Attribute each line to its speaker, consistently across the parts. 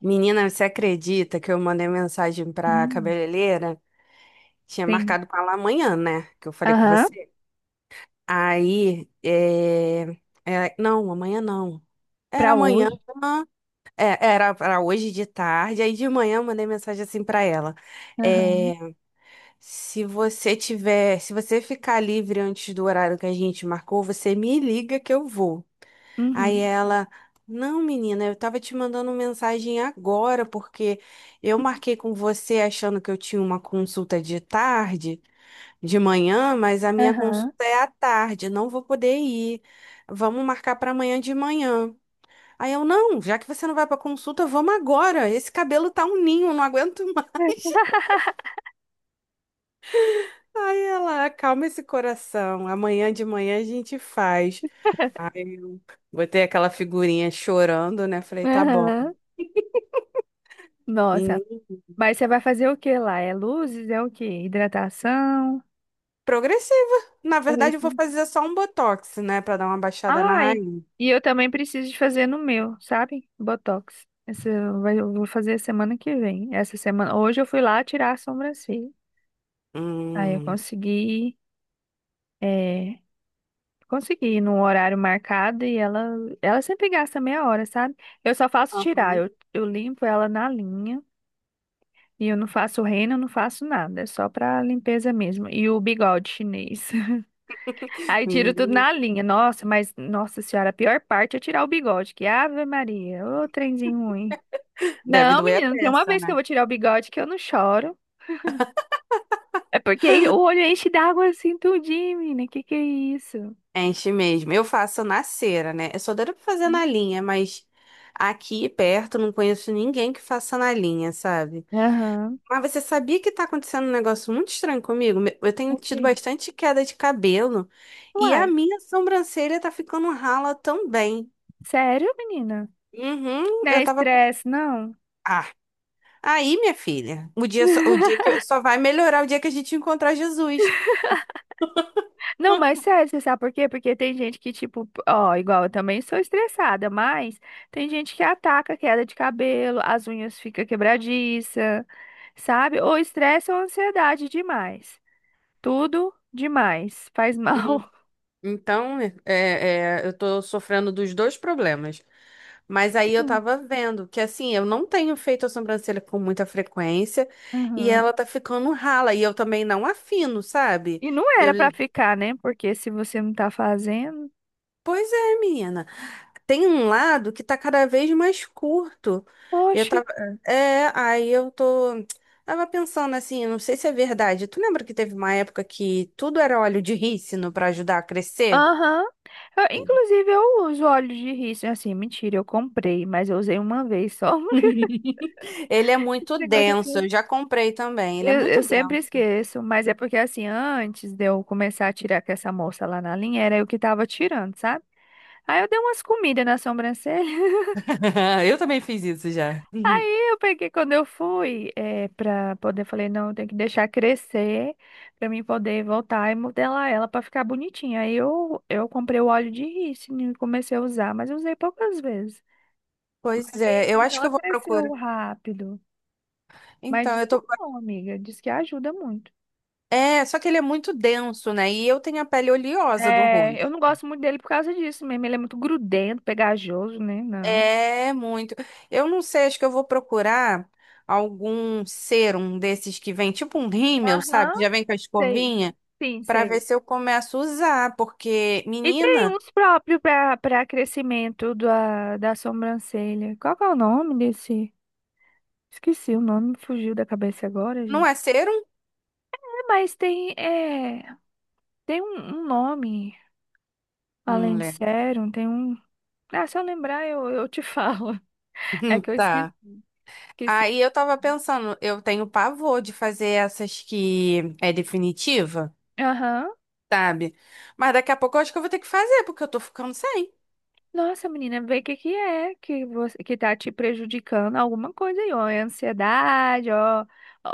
Speaker 1: Menina, você acredita que eu mandei mensagem pra
Speaker 2: Hum,
Speaker 1: cabeleireira? Tinha
Speaker 2: sim.
Speaker 1: marcado com ela amanhã, né? Que eu falei com
Speaker 2: Aham,
Speaker 1: você. Aí, não, amanhã não. Era
Speaker 2: pra
Speaker 1: amanhã,
Speaker 2: hoje.
Speaker 1: era para hoje de tarde. Aí de manhã eu mandei mensagem assim pra ela.
Speaker 2: Aham.
Speaker 1: É, se você ficar livre antes do horário que a gente marcou, você me liga que eu vou. Aí
Speaker 2: Uhum.
Speaker 1: ela, não, menina, eu tava te mandando mensagem agora, porque eu marquei com você achando que eu tinha uma consulta de tarde, de manhã, mas a minha
Speaker 2: Aham.
Speaker 1: consulta é à tarde, não vou poder ir. Vamos marcar para amanhã de manhã. Aí eu, não, já que você não vai para consulta, vamos agora. Esse cabelo tá um ninho, não aguento mais. Aí ela, acalma esse coração. Amanhã de manhã a gente faz. Aí eu botei aquela figurinha chorando, né? Falei, tá bom.
Speaker 2: Aham. Nossa. Mas você vai fazer o que lá? É luzes? É o quê? Hidratação?
Speaker 1: Progressiva. Na
Speaker 2: Fazer
Speaker 1: verdade, eu vou
Speaker 2: isso.
Speaker 1: fazer só um botox, né? Pra dar uma baixada na
Speaker 2: Ai,
Speaker 1: raiz.
Speaker 2: e eu também preciso de fazer no meu, sabe? Botox. Esse eu vou fazer semana que vem. Essa semana. Hoje eu fui lá tirar a sobrancelha. Aí eu
Speaker 1: Hum.
Speaker 2: consegui. é, Consegui no horário marcado e ela sempre gasta meia hora, sabe? Eu só faço tirar,
Speaker 1: Aham.
Speaker 2: eu limpo ela na linha e eu não faço reino, eu não faço nada, é só pra limpeza mesmo. E o bigode chinês. Aí tiro tudo
Speaker 1: Menina,
Speaker 2: na linha. Nossa, mas, nossa senhora, a pior parte é tirar o bigode, que Ave Maria, ô trenzinho ruim.
Speaker 1: deve
Speaker 2: Não,
Speaker 1: doer a
Speaker 2: menina, tem uma
Speaker 1: peça,
Speaker 2: vez que eu
Speaker 1: né?
Speaker 2: vou tirar o bigode que eu não choro. É porque aí o olho enche d'água assim tudinho, menina, que é isso?
Speaker 1: Enche mesmo. Eu faço na cera, né? Eu sou doida pra fazer na linha, mas aqui perto não conheço ninguém que faça na linha, sabe?
Speaker 2: Aham.
Speaker 1: Mas você sabia que tá acontecendo um negócio muito estranho comigo? Eu tenho
Speaker 2: Ok.
Speaker 1: tido bastante queda de cabelo e a
Speaker 2: Uai,
Speaker 1: minha sobrancelha tá ficando rala também.
Speaker 2: sério, menina?
Speaker 1: Uhum,
Speaker 2: Não
Speaker 1: eu
Speaker 2: é
Speaker 1: tava.
Speaker 2: estresse, não.
Speaker 1: Ah, aí, minha filha, o dia que só vai melhorar o dia que a gente encontrar Jesus.
Speaker 2: Não, mas sério, você sabe por quê? Porque tem gente que, tipo, ó, igual eu também sou estressada, mas tem gente que ataca a queda de cabelo, as unhas ficam quebradiças, sabe? Ou estresse ou ansiedade demais. Tudo demais. Faz mal.
Speaker 1: Então, eu tô sofrendo dos dois problemas. Mas aí eu tava vendo que assim, eu não tenho feito a sobrancelha com muita frequência e ela
Speaker 2: Uhum.
Speaker 1: tá ficando rala e eu também não afino, sabe?
Speaker 2: E não
Speaker 1: Eu,
Speaker 2: era pra ficar, né? Porque se você não tá fazendo.
Speaker 1: Pois é, menina. Tem um lado que tá cada vez mais curto. E Eu
Speaker 2: Oxe.
Speaker 1: tava, é, aí eu tô, Tava pensando assim, não sei se é verdade. Tu lembra que teve uma época que tudo era óleo de rícino para ajudar a crescer?
Speaker 2: Aham.
Speaker 1: Sim.
Speaker 2: Inclusive, eu uso óleo de rícino. Assim, mentira, eu comprei, mas eu usei uma vez só.
Speaker 1: Ele é
Speaker 2: Esse
Speaker 1: muito
Speaker 2: negócio
Speaker 1: denso,
Speaker 2: assim.
Speaker 1: eu já comprei também. Ele é
Speaker 2: Eu
Speaker 1: muito
Speaker 2: sempre
Speaker 1: denso.
Speaker 2: esqueço, mas é porque assim, antes de eu começar a tirar com essa moça lá na linha, era eu que tava tirando, sabe? Aí eu dei umas comidas na sobrancelha.
Speaker 1: Eu também fiz isso já.
Speaker 2: Aí eu peguei, quando eu fui, pra poder, falei, não, eu tenho que deixar crescer pra mim poder voltar e modelar ela pra ficar bonitinha. Aí eu comprei o óleo de rícino e comecei a usar, mas eu usei poucas vezes. Mas
Speaker 1: Pois
Speaker 2: aí
Speaker 1: é, eu
Speaker 2: assim,
Speaker 1: acho que
Speaker 2: ela
Speaker 1: eu vou
Speaker 2: cresceu
Speaker 1: procurar.
Speaker 2: rápido. Mas
Speaker 1: Então,
Speaker 2: diz
Speaker 1: eu
Speaker 2: que é
Speaker 1: tô.
Speaker 2: bom, amiga, diz que ajuda muito.
Speaker 1: É, só que ele é muito denso, né? E eu tenho a pele oleosa do
Speaker 2: É, eu
Speaker 1: rosto.
Speaker 2: não gosto muito dele por causa disso mesmo. Ele é muito grudento, pegajoso, né? Não.
Speaker 1: É muito. Eu não sei, acho que eu vou procurar algum serum desses que vem, tipo um rímel, sabe?
Speaker 2: Aham,
Speaker 1: Já vem com a
Speaker 2: sei.
Speaker 1: escovinha,
Speaker 2: Sim,
Speaker 1: pra ver
Speaker 2: sei.
Speaker 1: se eu começo a usar, porque,
Speaker 2: E tem
Speaker 1: menina,
Speaker 2: uns próprios para crescimento da sobrancelha. Qual que é o nome desse? Esqueci o nome, me fugiu da cabeça agora,
Speaker 1: não
Speaker 2: gente.
Speaker 1: é serum?
Speaker 2: É, mas tem, tem um nome,
Speaker 1: Não
Speaker 2: além de
Speaker 1: lembro.
Speaker 2: sérum, tem um. Ah, se eu lembrar, eu te falo. É que eu
Speaker 1: Tá.
Speaker 2: esqueci.
Speaker 1: Aí eu tava pensando, eu tenho pavor de fazer essas que é definitiva,
Speaker 2: Aham.
Speaker 1: sabe? Mas daqui a pouco eu acho que eu vou ter que fazer, porque eu tô ficando sem.
Speaker 2: Nossa, menina, vê o que que é que você que tá te prejudicando alguma coisa aí, ó, é ansiedade, ó,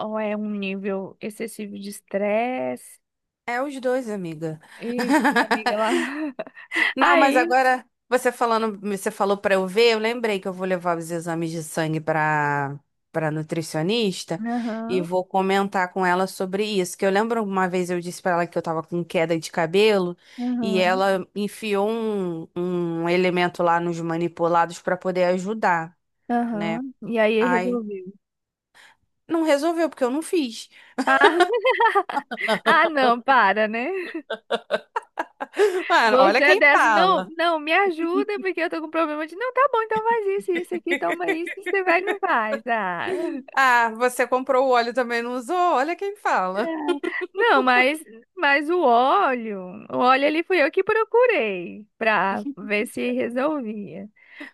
Speaker 2: ou é um nível excessivo de estresse.
Speaker 1: É os dois, amiga.
Speaker 2: Ixi, amiga, lá.
Speaker 1: Não, mas
Speaker 2: Aí,
Speaker 1: agora você falando, você falou pra eu ver, eu lembrei que eu vou levar os exames de sangue pra para nutricionista e
Speaker 2: aham,
Speaker 1: vou comentar com ela sobre isso, que eu lembro uma vez eu disse pra ela que eu tava com queda de cabelo e
Speaker 2: aham,
Speaker 1: ela enfiou um elemento lá nos manipulados pra poder ajudar, né?
Speaker 2: aham. E aí
Speaker 1: Ai,
Speaker 2: resolveu.
Speaker 1: não resolveu porque eu não fiz.
Speaker 2: Ah, ah, não, para, né?
Speaker 1: Mano,
Speaker 2: Você
Speaker 1: olha
Speaker 2: é
Speaker 1: quem
Speaker 2: dessa, não,
Speaker 1: fala.
Speaker 2: não, me ajuda, porque eu tô com problema de, não, tá bom, então faz isso, isso aqui, toma isso, você vai e não faz. Ah.
Speaker 1: Ah, você comprou o óleo e também não usou? Olha quem fala.
Speaker 2: Não, mas o óleo ali fui eu que procurei pra ver se resolvia.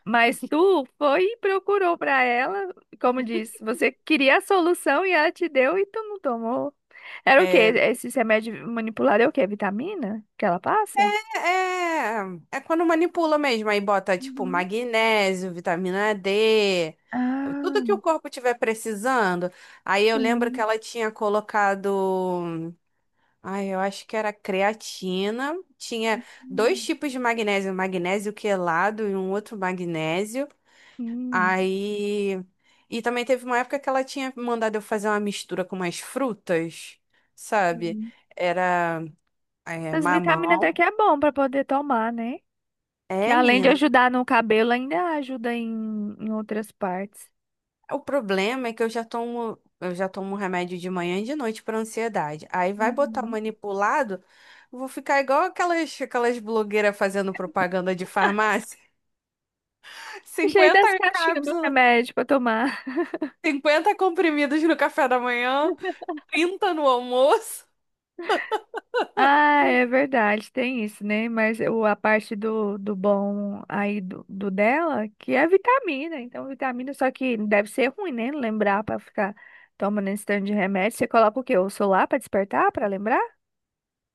Speaker 2: Mas tu foi e procurou pra ela, como disse, você queria a solução e ela te deu e tu não tomou. Era o quê?
Speaker 1: É.
Speaker 2: Esse remédio manipulado é o quê? Vitamina que ela passa?
Speaker 1: É, é quando manipula mesmo, aí bota tipo
Speaker 2: Uhum.
Speaker 1: magnésio, vitamina D, é tudo que
Speaker 2: Ah,
Speaker 1: o corpo tiver precisando. Aí eu lembro que
Speaker 2: sim.
Speaker 1: ela tinha colocado, ai, eu acho que era creatina, tinha dois
Speaker 2: Hum,
Speaker 1: tipos de magnésio, magnésio quelado e um outro magnésio.
Speaker 2: hum.
Speaker 1: Aí e também teve uma época que ela tinha mandado eu fazer uma mistura com umas frutas, sabe?
Speaker 2: Sim.
Speaker 1: Era
Speaker 2: As vitaminas até
Speaker 1: mamão.
Speaker 2: que é bom pra poder tomar, né? Que
Speaker 1: É,
Speaker 2: além de
Speaker 1: menina.
Speaker 2: ajudar no cabelo, ainda ajuda em outras partes.
Speaker 1: O problema é que eu já tomo remédio de manhã e de noite para ansiedade. Aí vai botar o
Speaker 2: Uhum.
Speaker 1: manipulado, eu vou ficar igual aquelas blogueiras fazendo propaganda de farmácia.
Speaker 2: Cheio
Speaker 1: 50
Speaker 2: das caixinhas do
Speaker 1: cápsulas,
Speaker 2: remédio pra tomar.
Speaker 1: 50 comprimidos no café da manhã, 30 no almoço.
Speaker 2: Ah, é verdade, tem isso, né? Mas a parte do bom aí do dela, que é vitamina. Então, vitamina, só que deve ser ruim, né? Lembrar pra ficar tomando esse tanto de remédio. Você coloca o quê? O celular pra despertar, pra lembrar?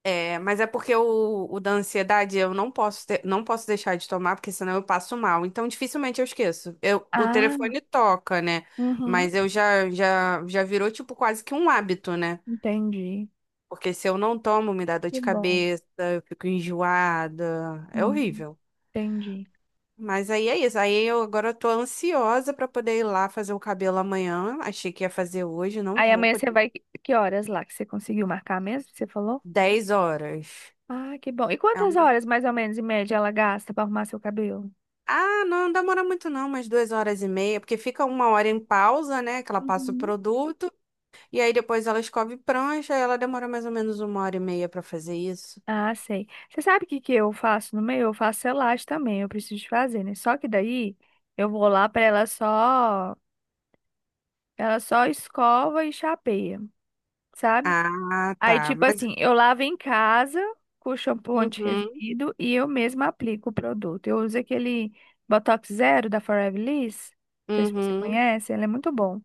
Speaker 1: É, mas é porque o da ansiedade eu não posso não posso deixar de tomar, porque senão eu passo mal. Então dificilmente eu esqueço. O
Speaker 2: Ah,
Speaker 1: telefone toca, né?
Speaker 2: uhum,
Speaker 1: Mas eu já virou tipo quase que um hábito, né?
Speaker 2: entendi.
Speaker 1: Porque se eu não tomo, me dá dor
Speaker 2: Que
Speaker 1: de
Speaker 2: bom.
Speaker 1: cabeça, eu fico enjoada. É
Speaker 2: Hum,
Speaker 1: horrível.
Speaker 2: entendi.
Speaker 1: Mas aí é isso. Aí eu agora eu tô ansiosa pra poder ir lá fazer o cabelo amanhã. Achei que ia fazer hoje, não
Speaker 2: Aí
Speaker 1: vou.
Speaker 2: amanhã você vai. Que horas lá que você conseguiu marcar mesmo? Você falou?
Speaker 1: 10 horas.
Speaker 2: Ah, que bom. E
Speaker 1: É
Speaker 2: quantas
Speaker 1: um-
Speaker 2: horas, mais ou menos, em média, ela gasta pra arrumar seu cabelo?
Speaker 1: Ah, não, não demora muito não, umas 2 horas e meia, porque fica uma hora em pausa, né? Que ela passa o
Speaker 2: Uhum.
Speaker 1: produto, e aí depois ela escove prancha, e ela demora mais ou menos uma hora e meia pra fazer isso.
Speaker 2: Ah, sei. Você sabe o que que eu faço no meio? Eu faço selagem também, eu preciso de fazer, né? Só que daí eu vou lá pra ela só escova e chapeia, sabe?
Speaker 1: Ah,
Speaker 2: Aí,
Speaker 1: tá.
Speaker 2: tipo
Speaker 1: Mas,
Speaker 2: assim, eu lavo em casa com shampoo
Speaker 1: uhum,
Speaker 2: anti-resíduo e eu mesma aplico o produto. Eu uso aquele Botox Zero da Forever Liss. Não sei se você
Speaker 1: uhum.
Speaker 2: conhece, ele é muito bom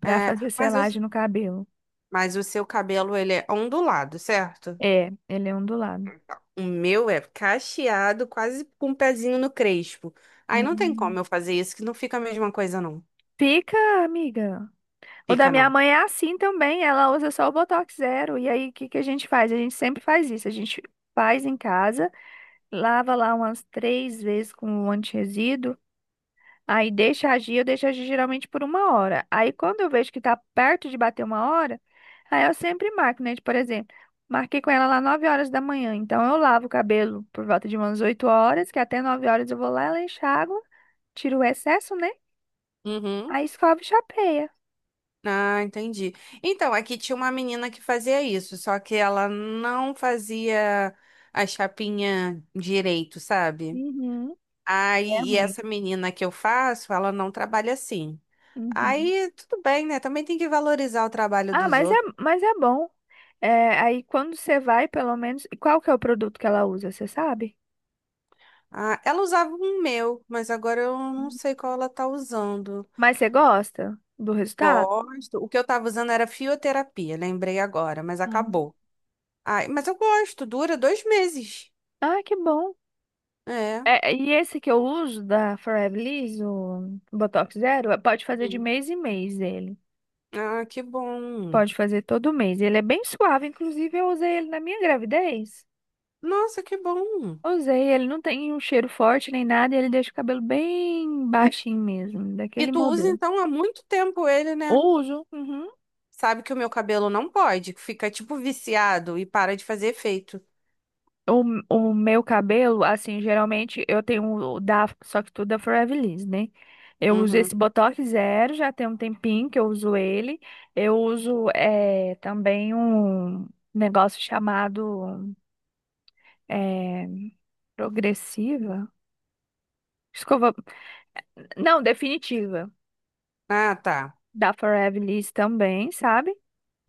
Speaker 2: pra
Speaker 1: É,
Speaker 2: fazer
Speaker 1: mas eu
Speaker 2: selagem no cabelo.
Speaker 1: Mas o seu cabelo, ele é ondulado, certo?
Speaker 2: É, ele é ondulado.
Speaker 1: O meu é cacheado, quase com um pezinho no crespo. Aí não tem
Speaker 2: Hum.
Speaker 1: como eu fazer isso, que não fica a mesma coisa, não.
Speaker 2: Fica, amiga. O da
Speaker 1: Fica,
Speaker 2: minha
Speaker 1: não.
Speaker 2: mãe é assim também, ela usa só o Botox Zero. E aí, o que que a gente faz? A gente sempre faz isso. A gente faz em casa, lava lá umas três vezes com o anti. Aí deixa agir, eu deixo agir geralmente por uma hora. Aí quando eu vejo que tá perto de bater uma hora, aí eu sempre marco, né? Tipo, por exemplo, marquei com ela lá 9h da manhã. Então eu lavo o cabelo por volta de umas 8h, que até 9h eu vou lá, ela enxágua, tiro o excesso, né?
Speaker 1: Uhum.
Speaker 2: Aí escova e chapeia.
Speaker 1: Ah, entendi. Então, aqui tinha uma menina que fazia isso, só que ela não fazia a chapinha direito, sabe?
Speaker 2: Uhum. É
Speaker 1: Aí, e
Speaker 2: ruim.
Speaker 1: essa menina que eu faço, ela não trabalha assim.
Speaker 2: Uhum.
Speaker 1: Aí, tudo bem, né? Também tem que valorizar o trabalho
Speaker 2: Ah,
Speaker 1: dos outros.
Speaker 2: mas é bom. É, aí quando você vai, pelo menos. E qual que é o produto que ela usa, você sabe?
Speaker 1: Ah, ela usava um meu, mas agora eu não
Speaker 2: Hum.
Speaker 1: sei qual ela tá usando.
Speaker 2: Mas você gosta do resultado?
Speaker 1: Gosto. O que eu tava usando era fioterapia, lembrei agora, mas
Speaker 2: Não.
Speaker 1: acabou. Ai, mas eu gosto, dura 2 meses.
Speaker 2: Ah, que bom.
Speaker 1: É.
Speaker 2: É, e esse que eu uso da Forever Liss, o Botox Zero, pode fazer de
Speaker 1: Hum.
Speaker 2: mês em mês ele.
Speaker 1: Ah, que bom.
Speaker 2: Pode fazer todo mês. Ele é bem suave, inclusive eu usei ele na minha gravidez.
Speaker 1: Nossa, que bom.
Speaker 2: Usei, ele não tem um cheiro forte nem nada, ele deixa o cabelo bem baixinho mesmo,
Speaker 1: E
Speaker 2: daquele
Speaker 1: tu usa
Speaker 2: modelo.
Speaker 1: então há muito tempo ele, né?
Speaker 2: Uso. Uhum.
Speaker 1: Sabe que o meu cabelo não pode, que fica tipo viciado e para de fazer efeito.
Speaker 2: O, o meu cabelo, assim, geralmente eu tenho o da, só que tudo da Forever Liss, né? Eu uso
Speaker 1: Uhum.
Speaker 2: esse Botox Zero, já tem um tempinho que eu uso ele. Eu uso também um negócio chamado é, progressiva, escova, não, definitiva,
Speaker 1: Ah, tá.
Speaker 2: da Forever Liss também, sabe?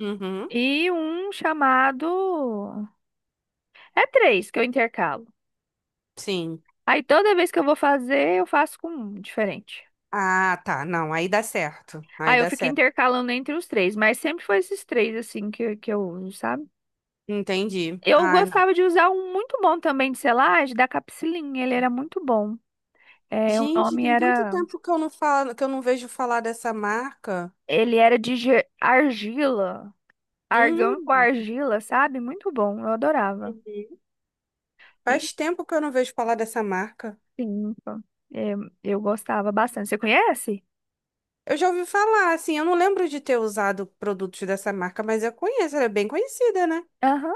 Speaker 1: Uhum.
Speaker 2: E um chamado, é três que eu intercalo.
Speaker 1: Sim.
Speaker 2: Aí toda vez que eu vou fazer, eu faço com um diferente.
Speaker 1: Ah, tá. Não, aí dá certo. Aí
Speaker 2: Aí eu
Speaker 1: dá
Speaker 2: fico
Speaker 1: certo.
Speaker 2: intercalando entre os três, mas sempre foi esses três, assim, que eu uso, sabe?
Speaker 1: Entendi.
Speaker 2: Eu
Speaker 1: Ah,
Speaker 2: gostava de usar um muito bom também de selagem, da Capsilin, ele era muito bom. É, o
Speaker 1: gente,
Speaker 2: nome
Speaker 1: tem tanto
Speaker 2: era...
Speaker 1: tempo que eu não falo, que eu não vejo falar dessa marca.
Speaker 2: Ele era de argila, argão com
Speaker 1: Hum,
Speaker 2: argila, sabe? Muito bom, eu adorava.
Speaker 1: uhum.
Speaker 2: E
Speaker 1: Faz tempo que eu não vejo falar dessa marca.
Speaker 2: sim, então, é, eu gostava bastante. Você conhece?
Speaker 1: Eu já ouvi falar, assim, eu não lembro de ter usado produtos dessa marca, mas eu conheço, ela é bem conhecida, né?
Speaker 2: Aham,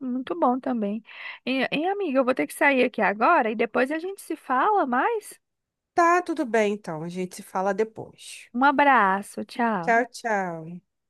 Speaker 2: muito bom também. E, amiga, eu vou ter que sair aqui agora e depois a gente se fala mais.
Speaker 1: Tá, tudo bem, então. A gente se fala depois.
Speaker 2: Um abraço,
Speaker 1: Tchau,
Speaker 2: tchau.
Speaker 1: tchau.